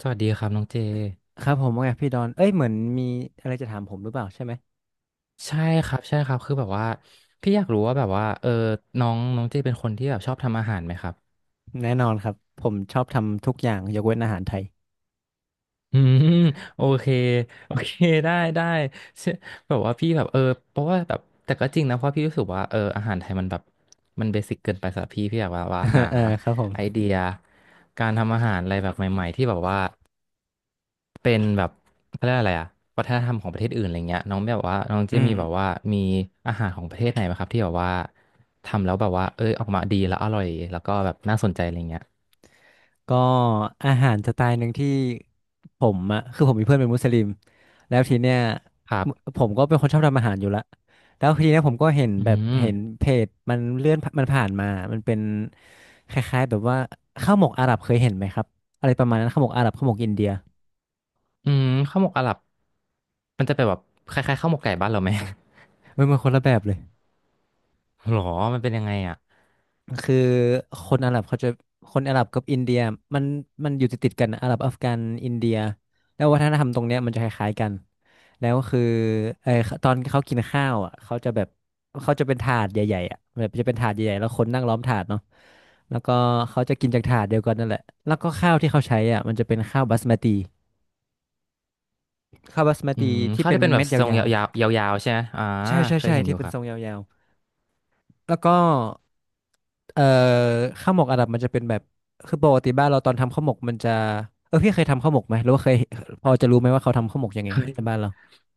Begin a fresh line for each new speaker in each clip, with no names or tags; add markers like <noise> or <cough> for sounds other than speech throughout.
สวัสดีครับน้องเจ
ครับผมว่าไงพี่ดอนเอ้ยเหมือนมีอะไรจะถามผมหรือเปล่าใช่ไหม
ใช่ครับใช่ครับคือแบบว่าพี่อยากรู้ว่าแบบว่าน้องน้องเจเป็นคนที่แบบชอบทำอาหารไหมครับ
แน่นอนครับผมชอบทำทุกอย่างยกเว้นอาหารไทย
อืมโอเค <laughs> โอเคได้ได้เช่อแบบว่าพี่แบบเพราะว่าแบบแต่ก็จริงนะเพราะพี่รู้สึกว่าอาหารไทยมันแบบมันเบสิกเกินไปสำหรับพี่พี่อยากว่าหา
<laughs> เออครับผ
ไอ
ม
เดียการทำอาหารอะไรแบบใหม่ๆที่แบบว่า เป็นแบบเขาเรียกอะไรอะวัฒนธรรมของประเทศอื่นอะไรเงี้ยน้องแบบว่าน้องจะ
อืม
มีแบบว่ามีอาหารของประเทศไหนไหมครับที่แบบว่าทำแล้วแบบว่าเอ้ยออกมาดีแล้วอร่อยแล้วก็แบบน่าสนใจอะไรเงี้ย
ก็อาหารสไตล์หนึ่งที่ผมอะคือผมมีเพื่อนเป็นมุสลิมแล้วทีเนี้ย
ครั
ม
บ
ผมก็เป็นคนชอบทำอาหารอยู่ละแล้วทีเนี้ยผมก็เห็น
อื
แบบเห็น
ม
เพจมันเลื่อนมันผ่านมามันเป็นคล้ายๆแบบว่าข้าวหมกอาหรับเคยเห็นไหมครับอะไรประมาณนั้นข้าวหมกอาหรับข้าวหมกอินเดีย
อืมข้าวหมกอาหรับมันจะเป็นแบบคล้ายๆข้าวหมกไก่บ้านเราไหม
เว้ยมันคนละแบบเลย
<laughs> หรอมันเป็นยังไงอ่ะ
คือคนอาหรับเขาจะคนอาหรับกับอินเดียมันมันอยู่ติดติดกันนะอาหรับอัฟกันอินเดียแล้ววัฒนธรรมตรงเนี้ยมันจะคล้ายๆกันแล้วคือเออตอนเขากินข้าวอ่ะเขาจะแบบเขาจะเป็นถาดใหญ่ๆอ่ะแบบจะเป็นถาดใหญ่ๆแล้วคนนั่งล้อมถาดเนาะแล้วก็เขาจะกินจากถาดเดียวกันนั่นแหละแล้วก็ข้าวที่เขาใช้อ่ะมันจะเป็นข้าวบาสมาติข้าวบาสมา
อื
ติ
ม
ที่
ข้าว
เป็น
ที่เป็นแบ
เม็
บ
ดย
ทรง
าว
ยาวๆยาวๆใช่ไหมอ่า
ๆใช่ใช่
เคย
ใช่
เห็นอ
ที่
ยู่
เป็
ค
น
รั
ท
บ
รงยาวๆ แล้วก็เอ่อข้าวหมกอาหรับมันจะเป็นแบบคือปกติบ้านเราตอนทำข้าวหมกมันจะพี่เคยทำข้าวหมกไหมหรือว่าเคยพอจะรู้ไหมว่าเขาทำข้าวหมกยังไง
เคย
ในบ้านเรา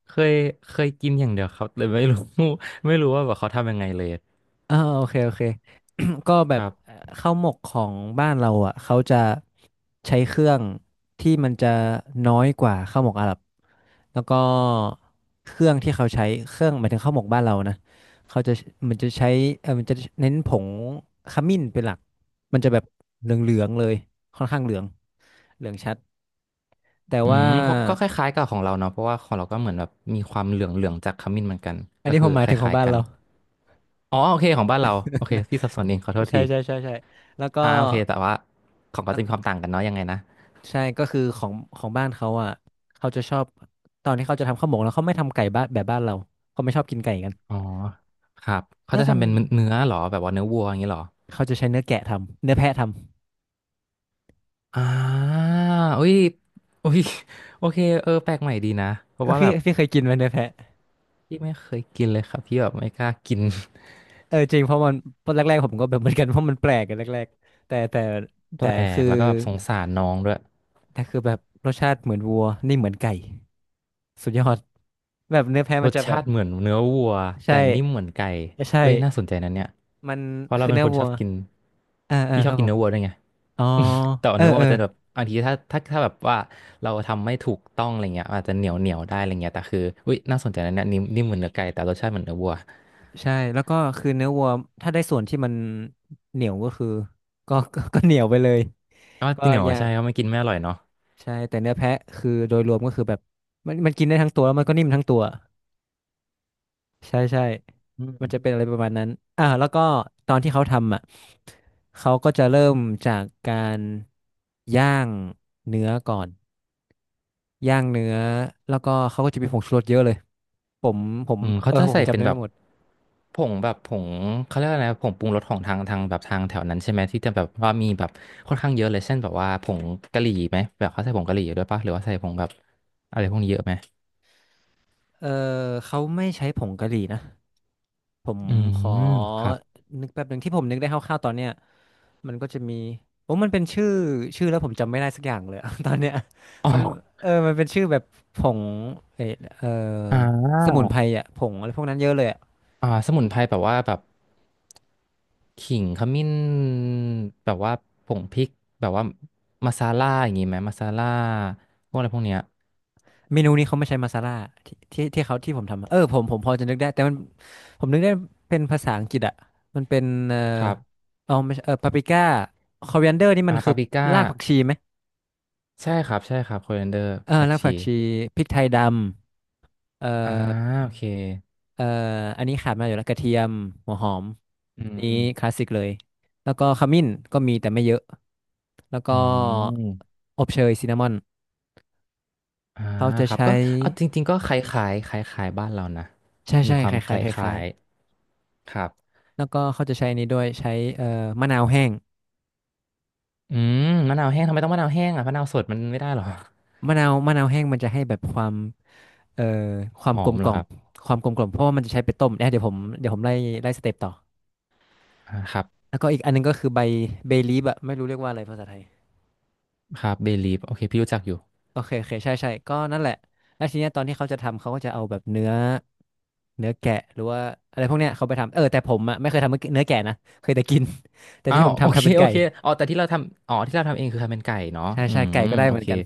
เคยเคยกินอย่างเดียวครับเลยไม่รู้ <laughs> ไม่รู้ว่าแบบเขาทำยังไงเลย
อ่าโอเคโอเค <clears throat> ก็แบ
ค
บ
รับ
ข้าวหมกของบ้านเราอ่ะเขาจะใช้เครื่องที่มันจะน้อยกว่าข้าวหมกอาหรับแล้วก็เครื่องที่เขาใช้เครื่องหมายถึงข้าวหมกบ้านเรานะเขาจะมันจะใช้มันจะเน้นผงขมิ้นเป็นหลักมันจะแบบเหลืองๆเลยค่อนข้างเหลืองเหลืองชัดแต่
อื
ว่า
มเพราะก็คล้ายๆกับของเราเนาะเพราะว่าของเราก็เหมือนแบบมีความเหลืองๆจากขมิ้นเหมือนกัน
อัน
ก็
นี้ผ
คือ
มหมาย
ค
ถึงของ
ล้าย
บ้า
ๆ
น
กัน
เรา
อ๋อโอเคของบ้านเราโอเคพี่สับสนเองขอโทษ
ใช่
ที
ใช่ใช่ใช่แล้วก็
อ่าโอเคแต่ว่าของก็จะมีความต่างกันเนาะยังไงนะ
ใช่ก็คือของของบ้านเขาอ่ะเขาจะชอบตอนที่เขาจะทำข้าวหมกแล้วเขาไม่ทำไก่บ้านแบบบ้านเราเขาไม่ชอบกินไก่กัน
อ๋อครับเขา
น่า
จะ
จะ
ทำเป็นเนื้อเหรอแบบว่าเนื้อวัวอย่างนี้เหรอ
เขาจะใช้เนื้อแกะทำเนื้อแพะทำ
อ่าอุ้ยอุ้ยโอเคเออแปลกใหม่ดีนะเพ
เอ
ราะ
อ
ว่า
พี่
แบบ
พี่เคยกินไหมเนื้อแพะ
พี่ไม่เคยกินเลยครับพี่แบบไม่กล้ากิน <laughs>
เออจริงเพราะมันตอนแรกๆผมก็แบบเหมือนกันเพราะมันแปลกกันแรกๆแต่แต่
แป
แต่
ล
คื
ก
อ
แล้วก็แบบสงสารน้องด้วย
คือแบบรสชาติเหมือนวัวนี่เหมือนไก่สุดยอดแบบเนื้อแพะ
ร
มัน
ส
จะแบ
ชา
บ
ติเหมือนเนื้อวัว
ใช่
แต่นิ่มเหมือนไก่
ใช่
เอ้ยน่าสนใจนะเนี่ย
มัน
เพราะเรา
คือ
เป็น
เนื้
ค
อ
นช
วั
อ
ว
บกิน
อ่าอ่า
พี่ช
ค
อ
รั
บ
บ
กิ
ผ
น
ม
เนื้อวัวด้วยไง
อ๋อ
<laughs> แต่ว่า
เออ
เนื้อวัว
เออ
มันจะแบบบางทีถ้าแบบว่าเราทำไม่ถูกต้องอะไรเงี้ยอาจจะเหนียวเหนียวได้อะไรเงี้ยแต่คืออุ้ยน่าสนใจนะเนี่ยนิ่มนิ่มเหมือนเนื้อไก่แต่รสชาติเหมือนเนื้อวัว
ใช่แล้วก็คือเนื้อวัวถ้าได้ส่วนที่มันเหนียวก็คือก็ <laughs> ก็เหนียวไปเลย
ก็
ก็
เหนียว
ยา
ใช่
ก
ก็ไม่กินไม่อร่อยเนาะ
ใช่แต่เนื้อแพะคือโดยรวมก็คือแบบมันกินได้ทั้งตัวแล้วมันก็นิ่มทั้งตัวใช่ใช่
อื
มันจะเป็น
ม
อะไรประมาณนั้นอ่าแล้วก็ตอนที่เขาทำอ่ะเขาก็จะเริ่มจากการย่างเนื้อก่อนย่างเนื้อแล้วก็เขาก็จะมีผงชูรสเยอะเลยผมผม
อืม
เอ
เขา
อ
จะ
ผม
ใส่
จำ
เป็น
ได้
แบ
ไม่
บ
หมด
ผงแบบผงเขาเรียกอะไรนะผงปรุงรสของทางแบบทางแถวนั้นใช่ไหมที่จะแบบว่ามีแบบค่อนข้างเยอะเลยเช่นแบบว่าผงกะหรี่ไหมแบบเขาใส่ผงกะหรี่ด้วยปะหรือว่าใส่ผงแบบอะไรพวกนี้เยอะไหม
เออเขาไม่ใช้ผงกะหรี่นะ ผม
อื
ขอ
มครับ
นึกแป๊บหนึ่งที่ผมนึกได้คร่าวๆตอนเนี้ยมันก็จะมีโอ้มันเป็นชื่อชื่อแล้วผมจำไม่ได้สักอย่างเลยอะ <laughs> ตอนเนี้ย
อ๋อ
มันมันเป็นชื่อแบบผงเออเออ
อ่า
สมุนไพรอ่ะผงอะไรพวกนั้นเยอะเลยอะ
อ่าสมุนไพรแบบว่าแบบขิงขมิ้นแบบว่าผงพริกแบบว่ามาซาล่าอย่างงี้ไหมมาซาล่าพวกอะไรพวกเนี้ย
เมนูนี้เขาไม่ใช้มาซาล่าที่เขาที่ผมทำอะเออผมพอจะนึกได้แต่มันผมนึกได้เป็นภาษาอังกฤษอ่ะมันเป็น
ครับ
เอาไม่ใช่ปาปริก้าคอเวนเดอร์นี่มั
อ่า
นคื
ปา
อ
ปริก้า
รากผักชีไหม
ใช่ครับใช่ครับโคเรนเดอร์
เออ
ผัก
ราก
ชี
ผักชีพริกไทยดำ
อ่าโอเค
เอ่ออันนี้ขาดไมาอยู่แล้วกระเทียมหัวหอม
อื
นี้คลา
ม
สสิกเลยแล้วก็ขมิ้นก็มีแต่ไม่เยอะแล้วก็
อืม
อบเชยซินนามอน
อ่า
เขาจะ
ครับ
ใช้
ก็เอาจริงๆก็คล้ายๆคล้ายๆบ้านเรานะ
ใช่
มี
ใช่
ควา
ค
มค
ล้ายๆค
ล้า
ล้าย
ยๆครับ
ๆแล้วก็เขาจะใช้อันนี้ด้วยใช้เอ่อมะนาวแห้ง
อืมมะนาวแห้งทำไมต้องมะนาวแห้งอ่ะมะนาวสดมันไม่ได้หรอ
มะนาวมะนาวแห้งมันจะให้แบบความเอ่อควา
ห
ม
อ
กล
ม
ม
เหร
ก
อ
ล่อ
ค
ม
รับ
ความกลมกล่อมเพราะว่ามันจะใช้ไปต้มเนี่ยเดี๋ยวผมไล่ไล่สเต็ปต่อ
อ่าครับ
แล้วก็อีกอันนึงก็คือใบเบลีฟอะไม่รู้เรียกว่าอะไรภาษาไทย
ครับเบลีฟโอเคพี่รู้จักอยู่
โอเคโอเคใช่ใช่ก็นั่นแหละแล้วทีเนี้ยตอนที่เขาจะทำเขาก็จะเอาแบบเนื้อแกะหรือว่าอะไรพวกเนี้ยเขาไปทำเออแต่ผมอ่ะไม่เคยทำเนื้อแกะนะเคยแต่กิน <laughs> แต่
อ้า
ที่ผ
ว
ม
โอ
ทำ
เค
เป็น
โอ
ไก่
เคอ๋อแต่ที่เราทำอ๋อที่เราทำเองคือทำเป็นไก่เนาะ
ใช่
อื
ใช่
ม
ไก่ก็ได้
โอ
เหมือน
เค
กัน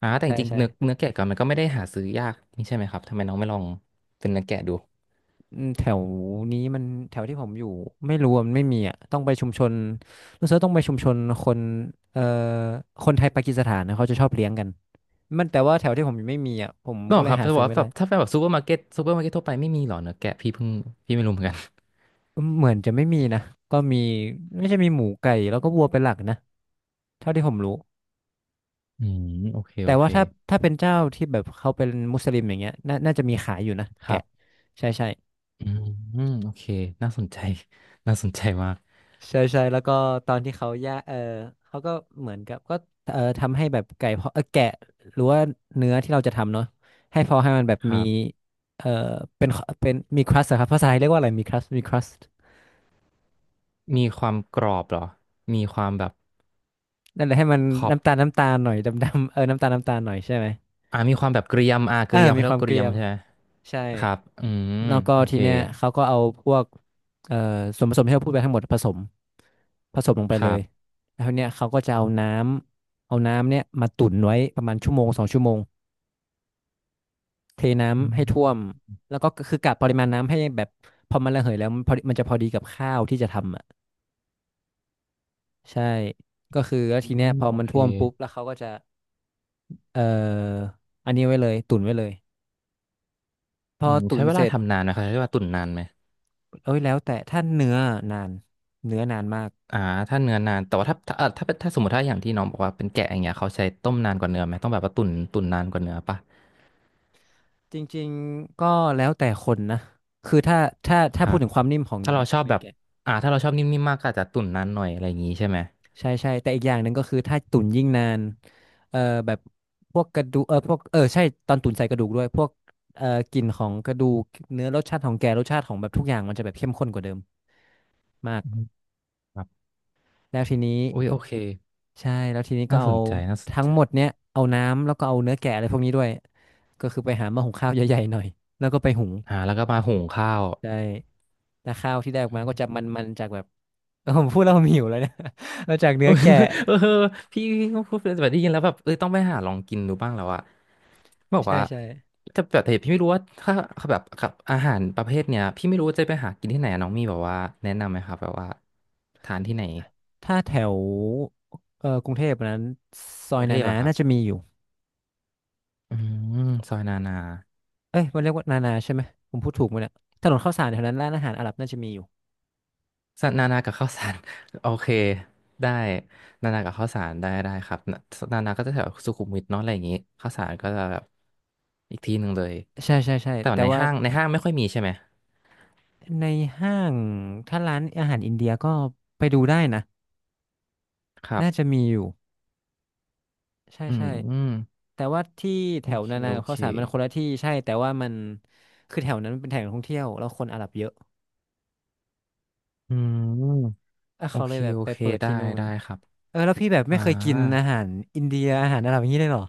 อ่าแต่จ
ใช่
ริงๆ
ใช่
เนื้อเนื้อแกะก่อนมันก็ไม่ได้หาซื้อยากนี่ใช่ไหมครับทำไมน้องไม่ลองเป็นเนื้อแกะดู
อืมแถวนี้มันแถวที่ผมอยู่ไม่รู้อะมันไม่มีอ่ะต้องไปชุมชนรู้สึกว่าต้องไปชุมชนคนเอ่อคนไทยปากีสถานนะเขาจะชอบเลี้ยงกันมันแต่ว่าแถวที่ผมอยู่ไม่มีอ่ะผม
หรอ
ก็เล
ค
ย
รับ
หา
แต่
ซื้อ
ว่า
ไม่
แบ
ได้
บถ้าเป็นแบบซูเปอร์มาร์เก็ตซูเปอร์มาร์เก็ตทั่วไปไม่มีหรอเนื้อแกะพี่เพิ่งพี่ไม่รู้เหมือนกัน
อืมเหมือนจะไม่มีนะก็มีไม่ใช่มีหมูไก่แล้วก็วัวเป็นหลักนะ เท่าที่ผมรู้
อืมโอเค
แต่
โอเค
ว่าถ้าเป็นเจ้าที่แบบเขาเป็นมุสลิมอย่างเงี้ยน่าน่าจะมีขายอยู่นะ
ค
แกะ
รับ
ใช่ใช่
อืมโอเคน่าสนใจ <laughs> น่าสนใจมาก
ใช่ใช่แล้วก็ตอนที่เขาย่าเออเขาก็เหมือนกับก็เออทำให้แบบไก่พอเออแกะหรือว่าเนื้อที่เราจะทำเนาะให้พอให้มันแบบ
ค
มี
รับ
เออเป็นมีครัสครับภาษาไทยเรียกว่าอะไรมีครัส
มีความกรอบเหรอมีความแบบ
นั่นแหละให้มัน
ขอบ
น้ำตาลหน่อยดำๆเออน้ำตาลหน่อยใช่ไหม
อ่ามีความแบบเกรียมอ่า
เอ
เก
อ
รียมเขา
มี
เรีย
ค
ก
วาม
ว่าเก
เก
รี
รี
ยม
ยม
ใช่ไหม
ใช่
ครับอืม
แล้วก็
โอ
ที
เค
เนี้ยเขาก็เอาพวกเอ่อส่วนผสมที่เราพูดไปทั้งหมดผสมลงไป
ค
เล
รั
ย
บ
แล้วทีเนี้ยเขาก็จะเอาน้ำเนี่ยมาตุ่นไว้ประมาณชั่วโมงสองชั่วโมงเท
อื
น้ำให้ท่ว
ม
มแล้วก็คือกะปริมาณน้ำให้แบบพอมันระเหยแล้วมันพอดีมันจะพอดีกับข้าวที่จะทำอ่ะใช่ก็คือแล้ว
อื
ทีเนี้ย
ม
พอ
โอ
มัน
เค
ท่วมปุ๊บแล้วเขาก็จะเอ่ออันนี้ไว้เลยตุ่นไว้เลยพ
อื
อ
ม
ตุ่
ใช้
น
เว
เส
ลา
ร็จ
ทำนานไหมครับใช้เวลาตุ๋นนานไหม
เอ้ยแล้วแต่ถ้าเนื้อนานเนื้อนานมาก
อ่าถ้าเนื้อนานแต่ว่าถ้าถ้าถ้าเป็นถ้าสมมติถ้าอย่างที่น้องบอกว่าเป็นแกะอย่างเงี้ยเขาใช้ต้มนานกว่าเนื้อไหมต้องแบบว่าตุ๋นตุ๋นนานกว่าเนื้อป่ะ
จริงๆ ก็แล้วแต่คนนะคือถ้าถ้า
ค
ถ้า
รั
พูด
บ
ถึงความนิ่มของ
ถ้าเราชอบ
เนื้
แบ
อ
บ
แกะ
อ่าถ้าเราชอบนิ่มๆมากก็อาจจะตุ๋นนานหน่อยอะไรอย่างงี้ใช่ไหม
ใช่ใช่แต่อีกอย่างหนึ่งก็คือถ้าตุ๋นยิ่งนานเอ่อแบบพวกกระดูกเออพวกเออใช่ตอนตุ๋นใส่กระดูกด้วยพวกเอ่อกลิ่นของกระดูกเนื้อรสชาติของแกะรสชาติของแบบทุกอย่างมันจะแบบเข้มข้นกว่าเดิมมาก
อืมครับ
แล้วทีนี้
อุ้ยโอเค
ใช่แล้วทีนี้ก็
น่าส
เอา
นใจน่าสน
ทั้ง
ใจ
หมดเนี้ยเอาน้ำแล้วก็เอาเนื้อแกะอะไรพวกนี้ด้วยก็คือไปหาหม้อหุงข้าวใหญ่ๆหน่อยแล้วก็ไปหุง
อ่าแล้วก็มาหุงข้าว
ใช่แต่ข้าวที่ได้ออกมาก็จะมันๆจากแบบ เออผมพูดแล้วผมหิวเลยเนี่ย <laughs> มาจาก
เอ
เนื้อ
อ
แกะ
เออพี่พี่ก็พูดแบบได้ยินแล้วแบบต้องไปหาลองกินดูบ้างแล้วอะบอก
ใช่
ว่า
ใช่
แต่แบบแต่พี่ไม่รู้ว่าถ้าแบบกับอาหารประเภทเนี้ยพี่ไม่รู้ว่าจะไปหากินที่ไหนอะน้องมีแบบว่าแนะนำไหมครับแบบว่าทานที่ไหน
ถ้าแถวกรุงเทพนั้นซ
ก
อ
รุ
ย
งเท
นา
พ
นา
อะครับ
น่าจะมีอยู่
อืมซอยนานา
เอ้ยมันเรียกว่านานาใช่ไหมผมพูดถูกไหมเนี่ยถนนข้าวสารแถวนั้นร้านอาหารอาหรับน่าจะมีอยู่
ซอยนานากับข้าวสาร <laughs> โอเคได้นานากับข้าวสารได้ได้ครับนานาก็จะแถวสุขุมวิทเนาะอะไรอย่างงี้ข้าวสารก็จะแบบอีกที่หนึ่งเลย
ใช่ใช่ใช่
แต่ว่า
แต่
ใน
ว่า
ห้างในห้างไม่ค่อยมีใช่ไหม
ในห้างถ้าร้านอาหารอินเดียก็ไปดูได้นะ
ครั
น่าจะ
บ
มีอยู่ใช่
อื
ใช่
ม
แต่ว่าที่แถ
โอ
ว
เค
นานา
โอ
กับ
เค
ข้าวสารมันคนละที่ใช่แต่ว่ามันคือแถวนั้นมันเป็นแถวท่องเที่ยวแล้วคนอาหรับเยอะ
อืม
อ่ะ
โอ
เขาเล
เค
ยแบบ
โอ
ไป
เค
เปิด
ได้
ที่นู่น
ได้ครับ
เออแล้วพี่แบบไม่
อ่า
เคยกินอาหารอินเดียอาหารอาหรับอย่างนี้เลยเหรอ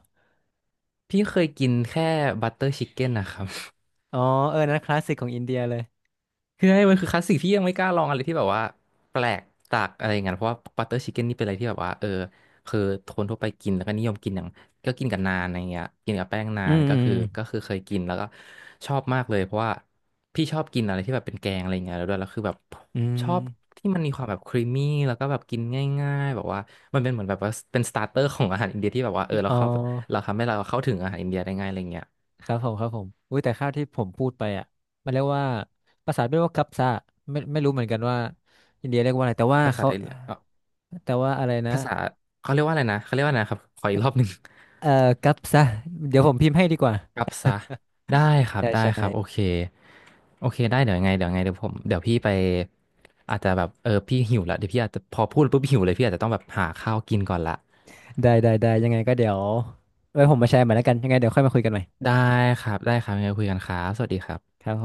พี่เคยกินแค่บัตเตอร์ชิคเก้นนะครับ
อ๋อเออนั้นคลาสสิกของอินเดียเลย
คือให้มันคือคลาสสิกที่ยังไม่กล้าลองอะไรที่แบบว่าแปลกจากอะไรอย่างเงี้ยเพราะว่าบัตเตอร์ชิคเก้นนี่เป็นอะไรที่แบบว่าคือคนทั่วไปกินแล้วก็นิยมกินอย่างก็กินกับนานอะไรเงี้ยกินกับแป้งนา
อื
น
มอื
ก็
ม
คือก็คือเคยกินแล้วก็ชอบมากเลยเพราะว่าพี่ชอบกินอะไรที่แบบเป็นแกงอะไรเงี้ยแล้วด้วยแล้วคือแบบ
อื
ชอ
ม
บที่มันมีความแบบครีมมี่แล้วก็แบบกินง่ายๆแบบว่ามันเป็นเหมือนแบบว่าเป็นสตาร์เตอร์ของอาหารอินเดียที่แบบว่า
อม
เรา
อ๋อ
เข้าเราทำให้เราเข้าถึงอาหารอินเดียได้ง่ายอะไรเงี้ย
ครับผมครับผมอุ้ยแต่ข้าวที่ผมพูดไปอ่ะมันเรียกว่าภาษาไม่เรียกว่ากัปซะไม่ไม่รู้เหมือนกันว่าอินเดียเรียกว่าอะไรแต่ว่า
ภาษา
เขา
ไทยเอ่อ
แต่ว่าอะไรนะ
ภาษาเขาเรียกว่าอะไรนะเขาเรียกว่าอะไรนะครับขออีกรอบหนึ่ง
เอ่อกัปซะเดี๋ยวผมพิมพ์ให้ดีกว่า
กลับซะได้ครับ
ไช่
ได้
ใช่
ครับโอเคโอเคได้เดี๋ยวพี่ไปอาจจะแบบพี่หิวละเดี๋ยวพี่อาจจะพอพูดปุ๊บหิวเลยพี่อาจจะต้องแบบหาข้าวกินก่อนละ
ได้ได้ได้ยังไงก็เดี๋ยวไว้ผมมาแชร์ใหม่แล้วกันยังไงเดี๋ยวค่อยมาคุยกันใหม่
ได้ครับได้ครับยังไงคุยกันครับสวัสดีครับ
ครับผม